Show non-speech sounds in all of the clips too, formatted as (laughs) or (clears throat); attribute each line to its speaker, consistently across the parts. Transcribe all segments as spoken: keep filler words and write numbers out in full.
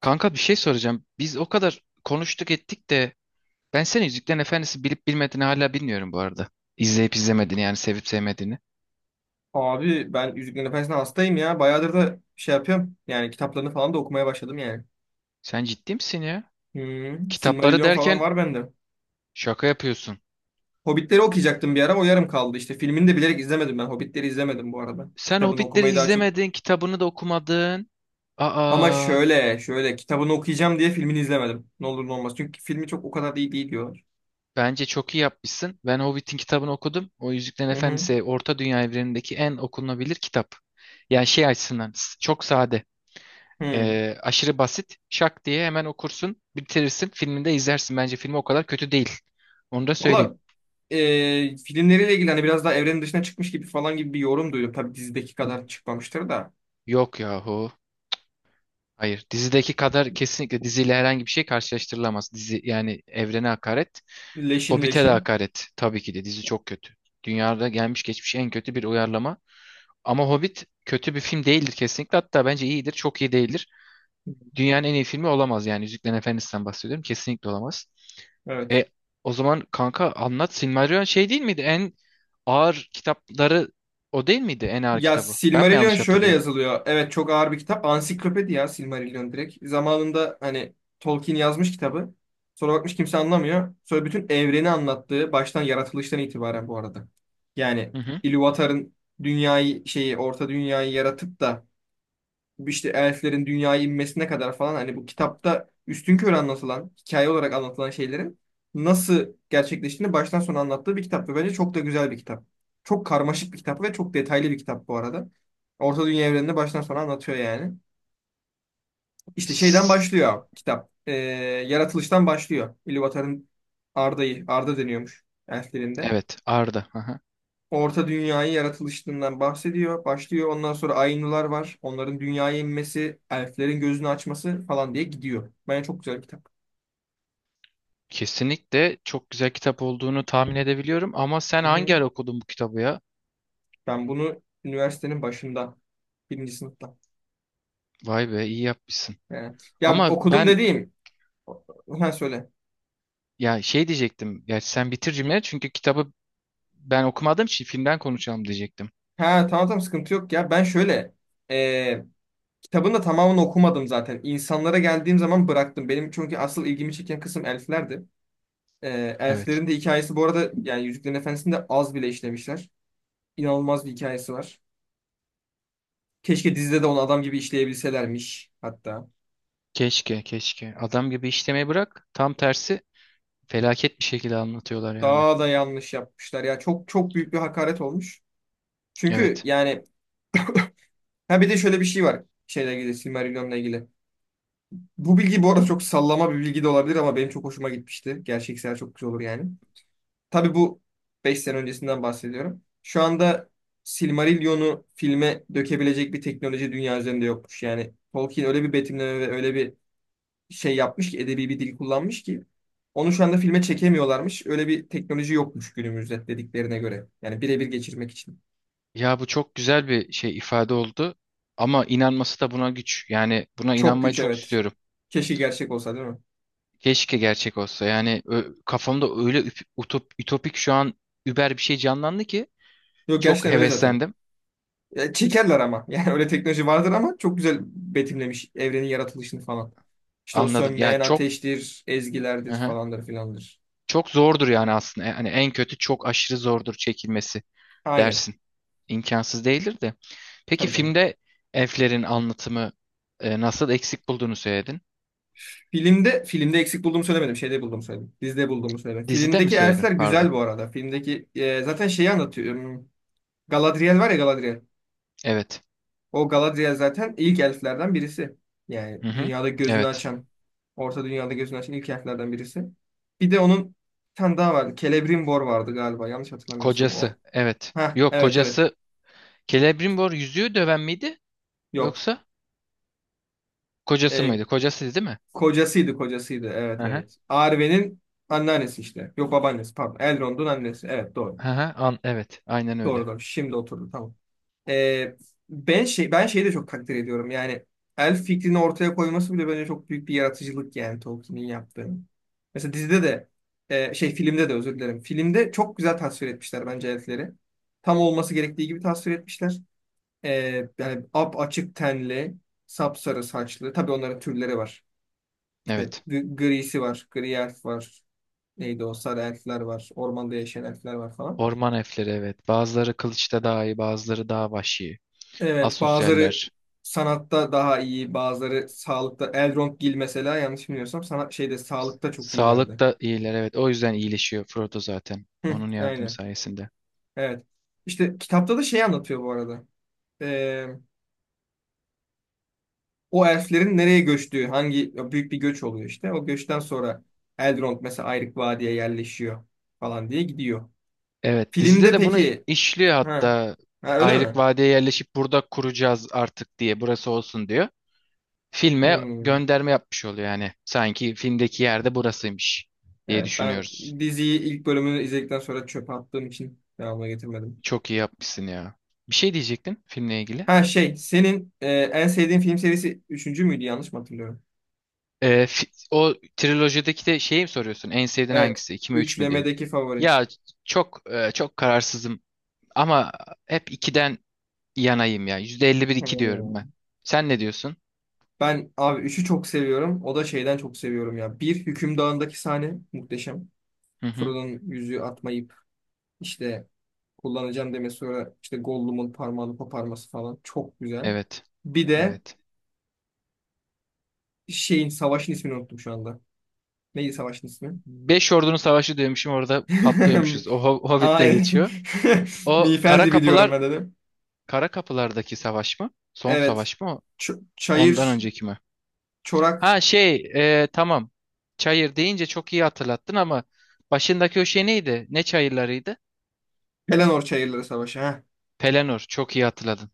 Speaker 1: Kanka bir şey soracağım. Biz o kadar konuştuk ettik de ben senin Yüzüklerin Efendisi bilip bilmediğini hala bilmiyorum bu arada. İzleyip izlemediğini yani sevip sevmediğini.
Speaker 2: Abi ben Yüzüklerin Efendisi'ne hastayım ya. Bayağıdır da şey yapıyorum. Yani kitaplarını falan da okumaya başladım yani.
Speaker 1: Sen ciddi misin ya?
Speaker 2: Hmm,
Speaker 1: Kitapları
Speaker 2: Silmarillion falan
Speaker 1: derken
Speaker 2: var bende.
Speaker 1: şaka yapıyorsun.
Speaker 2: Hobbitleri okuyacaktım bir ara, o yarım kaldı işte. Filmini de bilerek izlemedim ben. Hobbitleri izlemedim bu arada.
Speaker 1: Sen
Speaker 2: Kitabını
Speaker 1: Hobbitleri
Speaker 2: okumayı daha çok...
Speaker 1: izlemedin, kitabını da okumadın.
Speaker 2: Ama
Speaker 1: Aa,
Speaker 2: şöyle şöyle kitabını okuyacağım diye filmini izlemedim. Ne olur ne olmaz. Çünkü filmi çok o kadar da iyi değil diyorlar.
Speaker 1: bence çok iyi yapmışsın. Ben Hobbit'in kitabını okudum. O Yüzüklerin
Speaker 2: Hı hı.
Speaker 1: Efendisi Orta Dünya evrenindeki en okunabilir kitap. Yani şey açısından s- çok sade.
Speaker 2: Hı.
Speaker 1: Ee, aşırı basit. Şak diye hemen okursun, bitirirsin, filminde izlersin. Bence film o kadar kötü değil. Onu da söyleyeyim.
Speaker 2: Valla e, filmleriyle ilgili hani biraz daha evrenin dışına çıkmış gibi falan gibi bir yorum duydum. Tabii dizideki kadar çıkmamıştır da.
Speaker 1: Yok yahu. Hayır. Dizideki kadar kesinlikle diziyle herhangi bir şey karşılaştırılamaz. Dizi yani evrene hakaret.
Speaker 2: Leşin
Speaker 1: Hobbit'e de
Speaker 2: leşi.
Speaker 1: hakaret. Tabii ki de dizi çok kötü. Dünyada gelmiş geçmiş en kötü bir uyarlama. Ama Hobbit kötü bir film değildir kesinlikle. Hatta bence iyidir. Çok iyi değildir. Dünyanın en iyi filmi olamaz yani. Yüzüklerin Efendisi'nden bahsediyorum. Kesinlikle olamaz.
Speaker 2: Evet.
Speaker 1: E O zaman kanka anlat. Silmarillion şey değil miydi? En ağır kitapları o değil miydi? En ağır
Speaker 2: Ya
Speaker 1: kitabı. Ben mi
Speaker 2: Silmarillion
Speaker 1: yanlış
Speaker 2: şöyle
Speaker 1: hatırlıyorum?
Speaker 2: yazılıyor. Evet, çok ağır bir kitap. Ansiklopedi ya Silmarillion direkt. Zamanında hani Tolkien yazmış kitabı. Sonra bakmış kimse anlamıyor. Sonra bütün evreni anlattığı baştan yaratılıştan itibaren bu arada. Yani
Speaker 1: Hı hı.
Speaker 2: Ilúvatar'ın dünyayı şeyi Orta Dünyayı yaratıp da işte elflerin dünyaya inmesine kadar falan hani bu kitapta üstün körü anlatılan, hikaye olarak anlatılan şeylerin nasıl gerçekleştiğini baştan sona anlattığı bir kitap ve bence çok da güzel bir kitap. Çok karmaşık bir kitap ve çok detaylı bir kitap bu arada. Orta Dünya evrenini baştan sona anlatıyor yani. İşte şeyden
Speaker 1: S-
Speaker 2: başlıyor abi, kitap. Ee, yaratılıştan başlıyor. Ilúvatar'ın Arda'yı, Arda deniyormuş elflerinde.
Speaker 1: Evet, Arda. Hı hı.
Speaker 2: Orta Dünya'yı yaratılışından bahsediyor, başlıyor. Ondan sonra Ainular var. Onların dünyaya inmesi, elflerin gözünü açması falan diye gidiyor. Bence çok güzel bir kitap.
Speaker 1: Kesinlikle çok güzel kitap olduğunu tahmin edebiliyorum ama sen
Speaker 2: Hı hı.
Speaker 1: hangi ara okudun bu kitabı ya?
Speaker 2: Ben bunu üniversitenin başında, birinci sınıfta.
Speaker 1: Vay be iyi yapmışsın.
Speaker 2: Yani, ya
Speaker 1: Ama
Speaker 2: okudum
Speaker 1: ben
Speaker 2: dediğim. Ha söyle.
Speaker 1: ya şey diyecektim. Ya sen bitir cümleyi çünkü kitabı ben okumadığım için filmden konuşalım diyecektim.
Speaker 2: Ha tamam tamam, sıkıntı yok ya. Ben şöyle e, kitabın da tamamını okumadım zaten. İnsanlara geldiğim zaman bıraktım. Benim çünkü asıl ilgimi çeken kısım elflerdi. E,
Speaker 1: Evet.
Speaker 2: Elflerin de hikayesi bu arada yani Yüzüklerin Efendisi'nde az bile işlemişler. İnanılmaz bir hikayesi var. Keşke dizide de onu adam gibi işleyebilselermiş hatta.
Speaker 1: Keşke, keşke. Adam gibi işlemeyi bırak. Tam tersi felaket bir şekilde anlatıyorlar yani.
Speaker 2: Daha da yanlış yapmışlar ya. Çok çok büyük bir hakaret olmuş. Çünkü
Speaker 1: Evet.
Speaker 2: yani ha, bir de şöyle bir şey var. Şeyle ilgili, Silmarillion'la ilgili. Bu bilgi bu arada çok sallama bir bilgi de olabilir ama benim çok hoşuma gitmişti. Gerçeksel çok güzel olur yani. Tabii bu beş sene öncesinden bahsediyorum. Şu anda Silmarillion'u filme dökebilecek bir teknoloji dünya üzerinde yokmuş. Yani Tolkien öyle bir betimleme ve öyle bir şey yapmış ki, edebi bir dil kullanmış ki onu şu anda filme çekemiyorlarmış. Öyle bir teknoloji yokmuş günümüzde dediklerine göre. Yani birebir geçirmek için.
Speaker 1: Ya bu çok güzel bir şey ifade oldu. Ama inanması da buna güç. Yani buna
Speaker 2: Çok
Speaker 1: inanmayı
Speaker 2: güç,
Speaker 1: çok
Speaker 2: evet.
Speaker 1: istiyorum.
Speaker 2: Keşke gerçek olsa değil mi?
Speaker 1: Keşke gerçek olsa. Yani ö- kafamda öyle üp- utop, ütopik şu an über bir şey canlandı ki
Speaker 2: Yok,
Speaker 1: çok
Speaker 2: gerçekten öyle zaten.
Speaker 1: heveslendim.
Speaker 2: Ya, çekerler ama. (laughs) Yani öyle teknoloji vardır ama çok güzel betimlemiş evrenin yaratılışını falan. İşte o
Speaker 1: Anladım. Yani
Speaker 2: sönmeyen
Speaker 1: çok
Speaker 2: ateştir,
Speaker 1: hı
Speaker 2: ezgilerdir
Speaker 1: hı.
Speaker 2: falandır filandır.
Speaker 1: Çok zordur yani aslında. Yani en kötü çok aşırı zordur çekilmesi.
Speaker 2: Aynen.
Speaker 1: dersin. İmkansız değildir de. Peki
Speaker 2: Tabii canım.
Speaker 1: filmde elflerin anlatımı e, nasıl eksik bulduğunu söyledin?
Speaker 2: Filmde filmde eksik bulduğumu söylemedim. Şeyde bulduğumu söyledim. Dizide bulduğumu söyledim.
Speaker 1: Dizide mi
Speaker 2: Filmdeki
Speaker 1: söyledin?
Speaker 2: elfler
Speaker 1: Pardon.
Speaker 2: güzel bu arada. Filmdeki e, zaten şeyi anlatıyor. hmm, Galadriel var ya, Galadriel.
Speaker 1: Evet.
Speaker 2: O Galadriel zaten ilk elflerden birisi. Yani
Speaker 1: Hı hı.
Speaker 2: dünyada gözünü
Speaker 1: Evet.
Speaker 2: açan, Orta Dünya'da gözünü açan ilk elflerden birisi. Bir de onun bir tane daha vardı. Celebrimbor vardı galiba. Yanlış hatırlamıyorsam
Speaker 1: Kocası.
Speaker 2: o.
Speaker 1: Evet.
Speaker 2: Ha
Speaker 1: Yok
Speaker 2: evet evet.
Speaker 1: kocası Celebrimbor yüzüğü döven miydi?
Speaker 2: Yok.
Speaker 1: Yoksa kocası
Speaker 2: Ee,
Speaker 1: mıydı? Kocasıydı değil mi?
Speaker 2: Kocasıydı kocasıydı.
Speaker 1: Hı
Speaker 2: Evet
Speaker 1: hı.
Speaker 2: evet. Arwen'in anneannesi işte. Yok, babaannesi pardon. Elrond'un annesi. Evet, doğru.
Speaker 1: Hı hı. An evet. Aynen
Speaker 2: Doğru
Speaker 1: öyle.
Speaker 2: doğru. Şimdi oturdu, tamam. Ee, ben şey ben şeyi de çok takdir ediyorum. Yani elf fikrini ortaya koyması bile bence çok büyük bir yaratıcılık, yani Tolkien'in yaptığı. Mesela dizide de e, şey filmde de özür dilerim. Filmde çok güzel tasvir etmişler bence elfleri. Tam olması gerektiği gibi tasvir etmişler. Ee, yani ap açık tenli, sapsarı saçlı. Tabii onların türleri var. İşte
Speaker 1: Evet.
Speaker 2: g- grisi var, gri elf var. Neydi o? Sarı elfler var. Ormanda yaşayan elfler var falan.
Speaker 1: Orman elfleri evet. Bazıları kılıçta daha iyi, bazıları daha vahşi.
Speaker 2: Evet, bazıları
Speaker 1: Asosyaller.
Speaker 2: sanatta daha iyi, bazıları sağlıkta. Elrond Gil mesela, yanlış bilmiyorsam sanat şeyde sağlıkta çok
Speaker 1: Sağlık
Speaker 2: iyilerdi.
Speaker 1: da iyiler evet. O yüzden iyileşiyor Frodo zaten.
Speaker 2: Hı,
Speaker 1: Onun yardımı
Speaker 2: aynen.
Speaker 1: sayesinde.
Speaker 2: Evet. İşte kitapta da şey anlatıyor bu arada. Ee, O elflerin nereye göçtüğü, hangi büyük bir göç oluyor işte. O göçten sonra Elrond mesela Ayrık Vadi'ye yerleşiyor falan diye gidiyor.
Speaker 1: Evet dizide
Speaker 2: Filmde
Speaker 1: de bunu
Speaker 2: peki?
Speaker 1: işliyor
Speaker 2: Ha,
Speaker 1: hatta.
Speaker 2: ha öyle
Speaker 1: Ayrık
Speaker 2: mi?
Speaker 1: Vadi'ye yerleşip burada kuracağız artık diye burası olsun diyor. Filme
Speaker 2: Hmm.
Speaker 1: gönderme yapmış oluyor yani. Sanki filmdeki yerde burasıymış diye
Speaker 2: Evet, ben
Speaker 1: düşünüyoruz.
Speaker 2: diziyi ilk bölümünü izledikten sonra çöpe attığım için devamına getirmedim.
Speaker 1: Çok iyi yapmışsın ya. Bir şey diyecektin filmle ilgili.
Speaker 2: Ha şey, senin e, en sevdiğin film serisi üçüncü müydü, yanlış mı hatırlıyorum?
Speaker 1: Ee, fi- o trilojideki de şeyi mi soruyorsun? En sevdiğin
Speaker 2: Evet.
Speaker 1: hangisi? İki mi üç mü diye.
Speaker 2: Üçlemedeki favori.
Speaker 1: Ya çok e, çok kararsızım ama hep ikiden yanayım ya. yüzde elli bir iki diyorum ben.
Speaker 2: Hmm.
Speaker 1: Sen ne diyorsun?
Speaker 2: Ben abi üçü çok seviyorum. O da şeyden çok seviyorum ya. Bir Hükümdar'ındaki sahne muhteşem.
Speaker 1: Hı hı.
Speaker 2: Frodo'nun yüzüğü atmayıp işte kullanacağım demesi, sonra işte Gollum'un parmağını koparması falan çok güzel.
Speaker 1: Evet.
Speaker 2: Bir de
Speaker 1: Evet.
Speaker 2: şeyin, savaşın ismini unuttum şu anda. Neydi savaşın ismi?
Speaker 1: Beş ordunun savaşı diyormuşum orada
Speaker 2: (laughs)
Speaker 1: patlıyormuşuz. O Ho- Hobbit'te
Speaker 2: Aynen.
Speaker 1: geçiyor.
Speaker 2: (laughs)
Speaker 1: O
Speaker 2: Miğfer
Speaker 1: Kara
Speaker 2: dibi diyorum
Speaker 1: Kapılar
Speaker 2: ben dedim.
Speaker 1: Kara Kapılar'daki savaş mı? Son
Speaker 2: Evet.
Speaker 1: savaş mı? o?
Speaker 2: Ç-
Speaker 1: Ondan
Speaker 2: çayır
Speaker 1: önceki mi?
Speaker 2: Çorak
Speaker 1: Ha şey e, tamam. Çayır deyince çok iyi hatırlattın ama başındaki o şey neydi? Ne çayırlarıydı?
Speaker 2: Pelennor Çayırları Savaşı. Heh,
Speaker 1: Pelennor. Çok iyi hatırladın.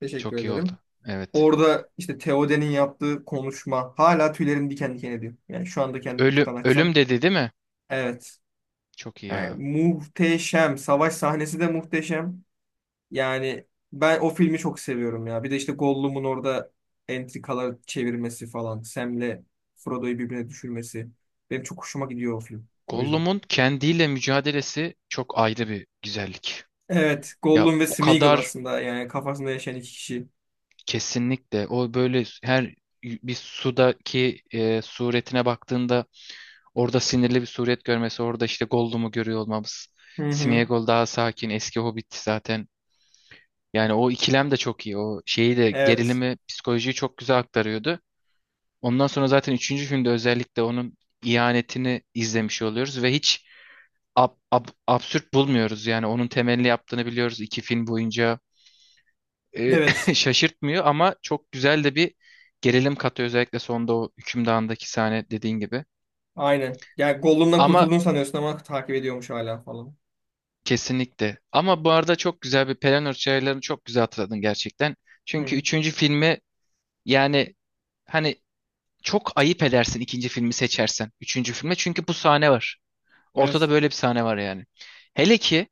Speaker 2: teşekkür
Speaker 1: Çok iyi oldu.
Speaker 2: ederim.
Speaker 1: Evet.
Speaker 2: Orada işte Theoden'in yaptığı konuşma hala tüylerim diken diken ediyor. Yani şu anda kendi
Speaker 1: Ölüm,
Speaker 2: YouTube'dan açsam.
Speaker 1: ölüm dedi değil mi?
Speaker 2: Evet.
Speaker 1: Çok iyi ya.
Speaker 2: Yani muhteşem. Savaş sahnesi de muhteşem. Yani ben o filmi çok seviyorum ya. Bir de işte Gollum'un orada entrikalar çevirmesi falan. Sam'le Frodo'yu birbirine düşürmesi. Benim çok hoşuma gidiyor o film. O yüzden.
Speaker 1: Gollum'un kendiyle mücadelesi çok ayrı bir güzellik.
Speaker 2: Evet.
Speaker 1: Ya
Speaker 2: Gollum ve
Speaker 1: o
Speaker 2: Smeagol
Speaker 1: kadar
Speaker 2: aslında. Yani kafasında yaşayan iki kişi.
Speaker 1: kesinlikle o böyle her bir sudaki e, suretine baktığında orada sinirli bir suret görmesi, orada işte Gollum'u görüyor olmamız.
Speaker 2: Hı hı.
Speaker 1: Sméagol daha sakin, eski Hobbit zaten. Yani o ikilem de çok iyi. O şeyi de
Speaker 2: Evet.
Speaker 1: gerilimi, psikolojiyi çok güzel aktarıyordu. Ondan sonra zaten üçüncü filmde özellikle onun ihanetini izlemiş oluyoruz ve hiç ab- ab- absürt bulmuyoruz. Yani onun temelli yaptığını biliyoruz iki film boyunca. E,
Speaker 2: Evet.
Speaker 1: (laughs) şaşırtmıyor ama çok güzel de bir gerilim katıyor özellikle sonda o hükümdağındaki sahne dediğin gibi.
Speaker 2: Aynen. Yani Gollum'dan
Speaker 1: Ama
Speaker 2: kurtulduğunu sanıyorsun ama takip ediyormuş hala falan.
Speaker 1: kesinlikle. Ama bu arada çok güzel bir Pelennor çaylarını çok güzel hatırladın gerçekten. Çünkü
Speaker 2: Hı.
Speaker 1: üçüncü filmi yani hani çok ayıp edersin ikinci filmi seçersen. Üçüncü filme çünkü bu sahne var. Ortada
Speaker 2: Evet.
Speaker 1: böyle bir sahne var yani. Hele ki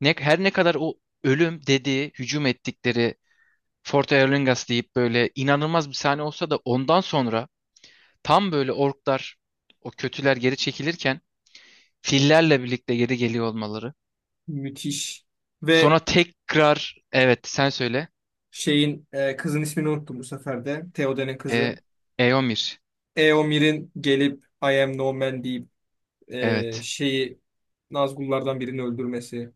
Speaker 1: ne, her ne kadar o ölüm dediği, hücum ettikleri Fort Erlingas deyip böyle inanılmaz bir sahne olsa da ondan sonra tam böyle orklar o kötüler geri çekilirken fillerle birlikte geri geliyor olmaları.
Speaker 2: Müthiş. Ve
Speaker 1: Sonra tekrar evet sen söyle.
Speaker 2: şeyin e, kızın ismini unuttum bu sefer de. Theoden'in
Speaker 1: E,
Speaker 2: kızı.
Speaker 1: Eomir.
Speaker 2: Eomir'in gelip I am no man deyip e,
Speaker 1: Evet.
Speaker 2: şeyi, Nazgullardan birini öldürmesi.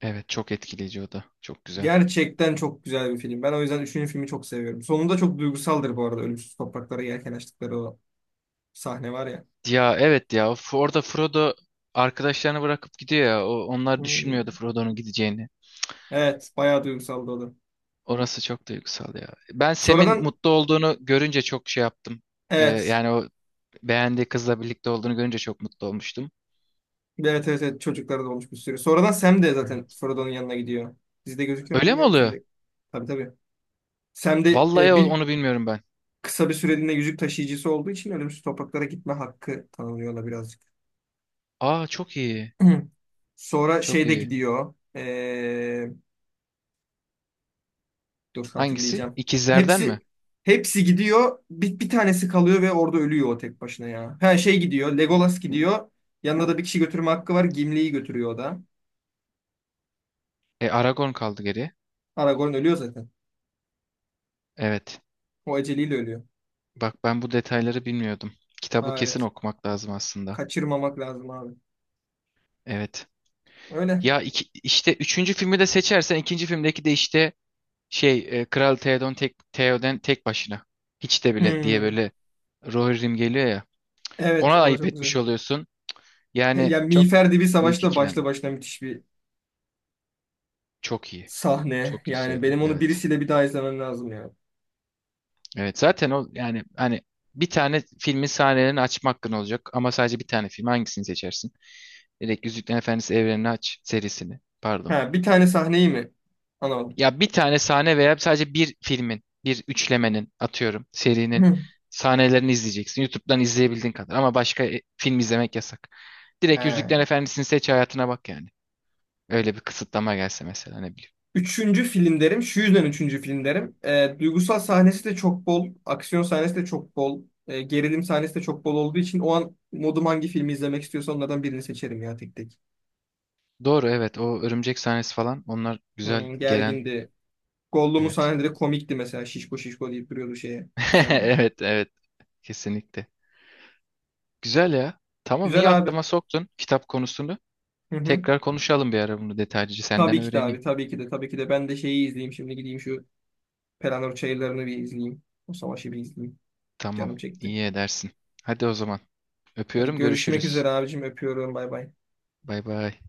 Speaker 1: Evet çok etkileyici o da. Çok güzel.
Speaker 2: Gerçekten çok güzel bir film. Ben o yüzden üçüncü filmi çok seviyorum. Sonunda çok duygusaldır bu arada. Ölümsüz topraklara yelken açtıkları o sahne var ya.
Speaker 1: Ya evet ya F- orada Frodo arkadaşlarını bırakıp gidiyor ya. O, onlar
Speaker 2: Hı.
Speaker 1: düşünmüyordu Frodo'nun gideceğini.
Speaker 2: Evet. Bayağı duygusaldı o da.
Speaker 1: Orası çok duygusal ya. Ben Sam'in
Speaker 2: Sonradan,
Speaker 1: mutlu olduğunu görünce çok şey yaptım. E,
Speaker 2: evet.
Speaker 1: yani o beğendiği kızla birlikte olduğunu görünce çok mutlu olmuştum.
Speaker 2: Evet evet evet, çocuklara da olmuş bir sürü. Sonradan Sam de zaten Frodo'nun yanına gidiyor. Dizide gözüküyor mu
Speaker 1: Öyle mi
Speaker 2: bilmiyorum,
Speaker 1: oluyor?
Speaker 2: filmde. Tabii tabii. Sam de
Speaker 1: Vallahi
Speaker 2: e,
Speaker 1: o-
Speaker 2: bir
Speaker 1: onu bilmiyorum ben.
Speaker 2: kısa bir süreliğine yüzük taşıyıcısı olduğu için ölümsüz topraklara gitme hakkı tanınıyor ona birazcık.
Speaker 1: Aa çok iyi.
Speaker 2: (clears throat) Sonra
Speaker 1: Çok
Speaker 2: şeyde
Speaker 1: iyi.
Speaker 2: gidiyor. E, dur
Speaker 1: Hangisi?
Speaker 2: hatırlayacağım.
Speaker 1: İkizlerden
Speaker 2: Hepsi
Speaker 1: mi?
Speaker 2: hepsi gidiyor. Bir, bir tanesi kalıyor ve orada ölüyor o tek başına ya. Her şey gidiyor. Legolas gidiyor. Yanına da bir kişi götürme hakkı var. Gimli'yi götürüyor o da.
Speaker 1: E Aragorn kaldı geriye.
Speaker 2: Aragorn ölüyor zaten.
Speaker 1: Evet.
Speaker 2: O aceliyle ölüyor.
Speaker 1: Bak ben bu detayları bilmiyordum. Kitabı
Speaker 2: Ha,
Speaker 1: kesin
Speaker 2: evet.
Speaker 1: okumak lazım aslında.
Speaker 2: Kaçırmamak lazım abi.
Speaker 1: Evet.
Speaker 2: Öyle.
Speaker 1: Ya iki, işte üçüncü filmi de seçersen ikinci filmdeki de işte şey e, Kral Theoden tek, Theoden tek başına. Hiç de bile diye
Speaker 2: Hmm.
Speaker 1: böyle Rohirrim geliyor ya.
Speaker 2: Evet,
Speaker 1: Ona
Speaker 2: o da
Speaker 1: ayıp
Speaker 2: çok
Speaker 1: etmiş
Speaker 2: güzel.
Speaker 1: oluyorsun.
Speaker 2: He-
Speaker 1: Yani
Speaker 2: Ya
Speaker 1: çok
Speaker 2: Miğfer Dibi Savaşı
Speaker 1: büyük
Speaker 2: da başlı
Speaker 1: ikilem.
Speaker 2: başına müthiş bir
Speaker 1: Çok iyi.
Speaker 2: sahne.
Speaker 1: Çok iyi
Speaker 2: Yani
Speaker 1: söyledin.
Speaker 2: benim onu
Speaker 1: Evet.
Speaker 2: birisiyle bir daha izlemem lazım ya.
Speaker 1: Evet zaten o yani hani bir tane filmin sahnelerini açma hakkın olacak ama sadece bir tane film hangisini seçersin? Direkt Yüzüklerin Efendisi evrenini aç serisini. Pardon.
Speaker 2: Ha, bir tane sahneyi mi? Anladım.
Speaker 1: Ya bir tane sahne veya sadece bir filmin, bir üçlemenin atıyorum serinin
Speaker 2: (clears throat)
Speaker 1: sahnelerini izleyeceksin. YouTube'dan izleyebildiğin kadar ama başka e, film izlemek yasak. Direkt Yüzüklerin
Speaker 2: He.
Speaker 1: Efendisi'ni seç hayatına bak yani. Öyle bir kısıtlama gelse mesela ne bileyim.
Speaker 2: Üçüncü film derim. Şu yüzden üçüncü film derim. E, duygusal sahnesi de çok bol. Aksiyon sahnesi de çok bol. E, gerilim sahnesi de çok bol olduğu için o an modum hangi filmi izlemek istiyorsa onlardan birini seçerim ya, tek tek.
Speaker 1: Doğru evet o örümcek sahnesi falan onlar güzel
Speaker 2: Hmm,
Speaker 1: gelen
Speaker 2: gergindi. Gollum'un
Speaker 1: evet.
Speaker 2: sahneleri komikti mesela. Şişko şişko deyip duruyordu şeye.
Speaker 1: (laughs)
Speaker 2: Semen.
Speaker 1: Evet, evet. Kesinlikle. Güzel ya. Tamam,
Speaker 2: Güzel
Speaker 1: iyi
Speaker 2: abi.
Speaker 1: aklıma soktun kitap konusunu.
Speaker 2: Hı hı.
Speaker 1: Tekrar konuşalım bir ara bunu detaylıca. Senden
Speaker 2: Tabii ki de
Speaker 1: öğreneyim.
Speaker 2: abi. Tabii ki de. Tabii ki de. Ben de şeyi izleyeyim. Şimdi gideyim şu Pelanor Çayırları'nı bir izleyeyim. O savaşı bir izleyeyim.
Speaker 1: Tamam,
Speaker 2: Canım çekti.
Speaker 1: iyi edersin. Hadi o zaman.
Speaker 2: Hadi
Speaker 1: Öpüyorum,
Speaker 2: görüşmek
Speaker 1: görüşürüz.
Speaker 2: üzere abicim. Öpüyorum. Bay bay.
Speaker 1: Bay bay.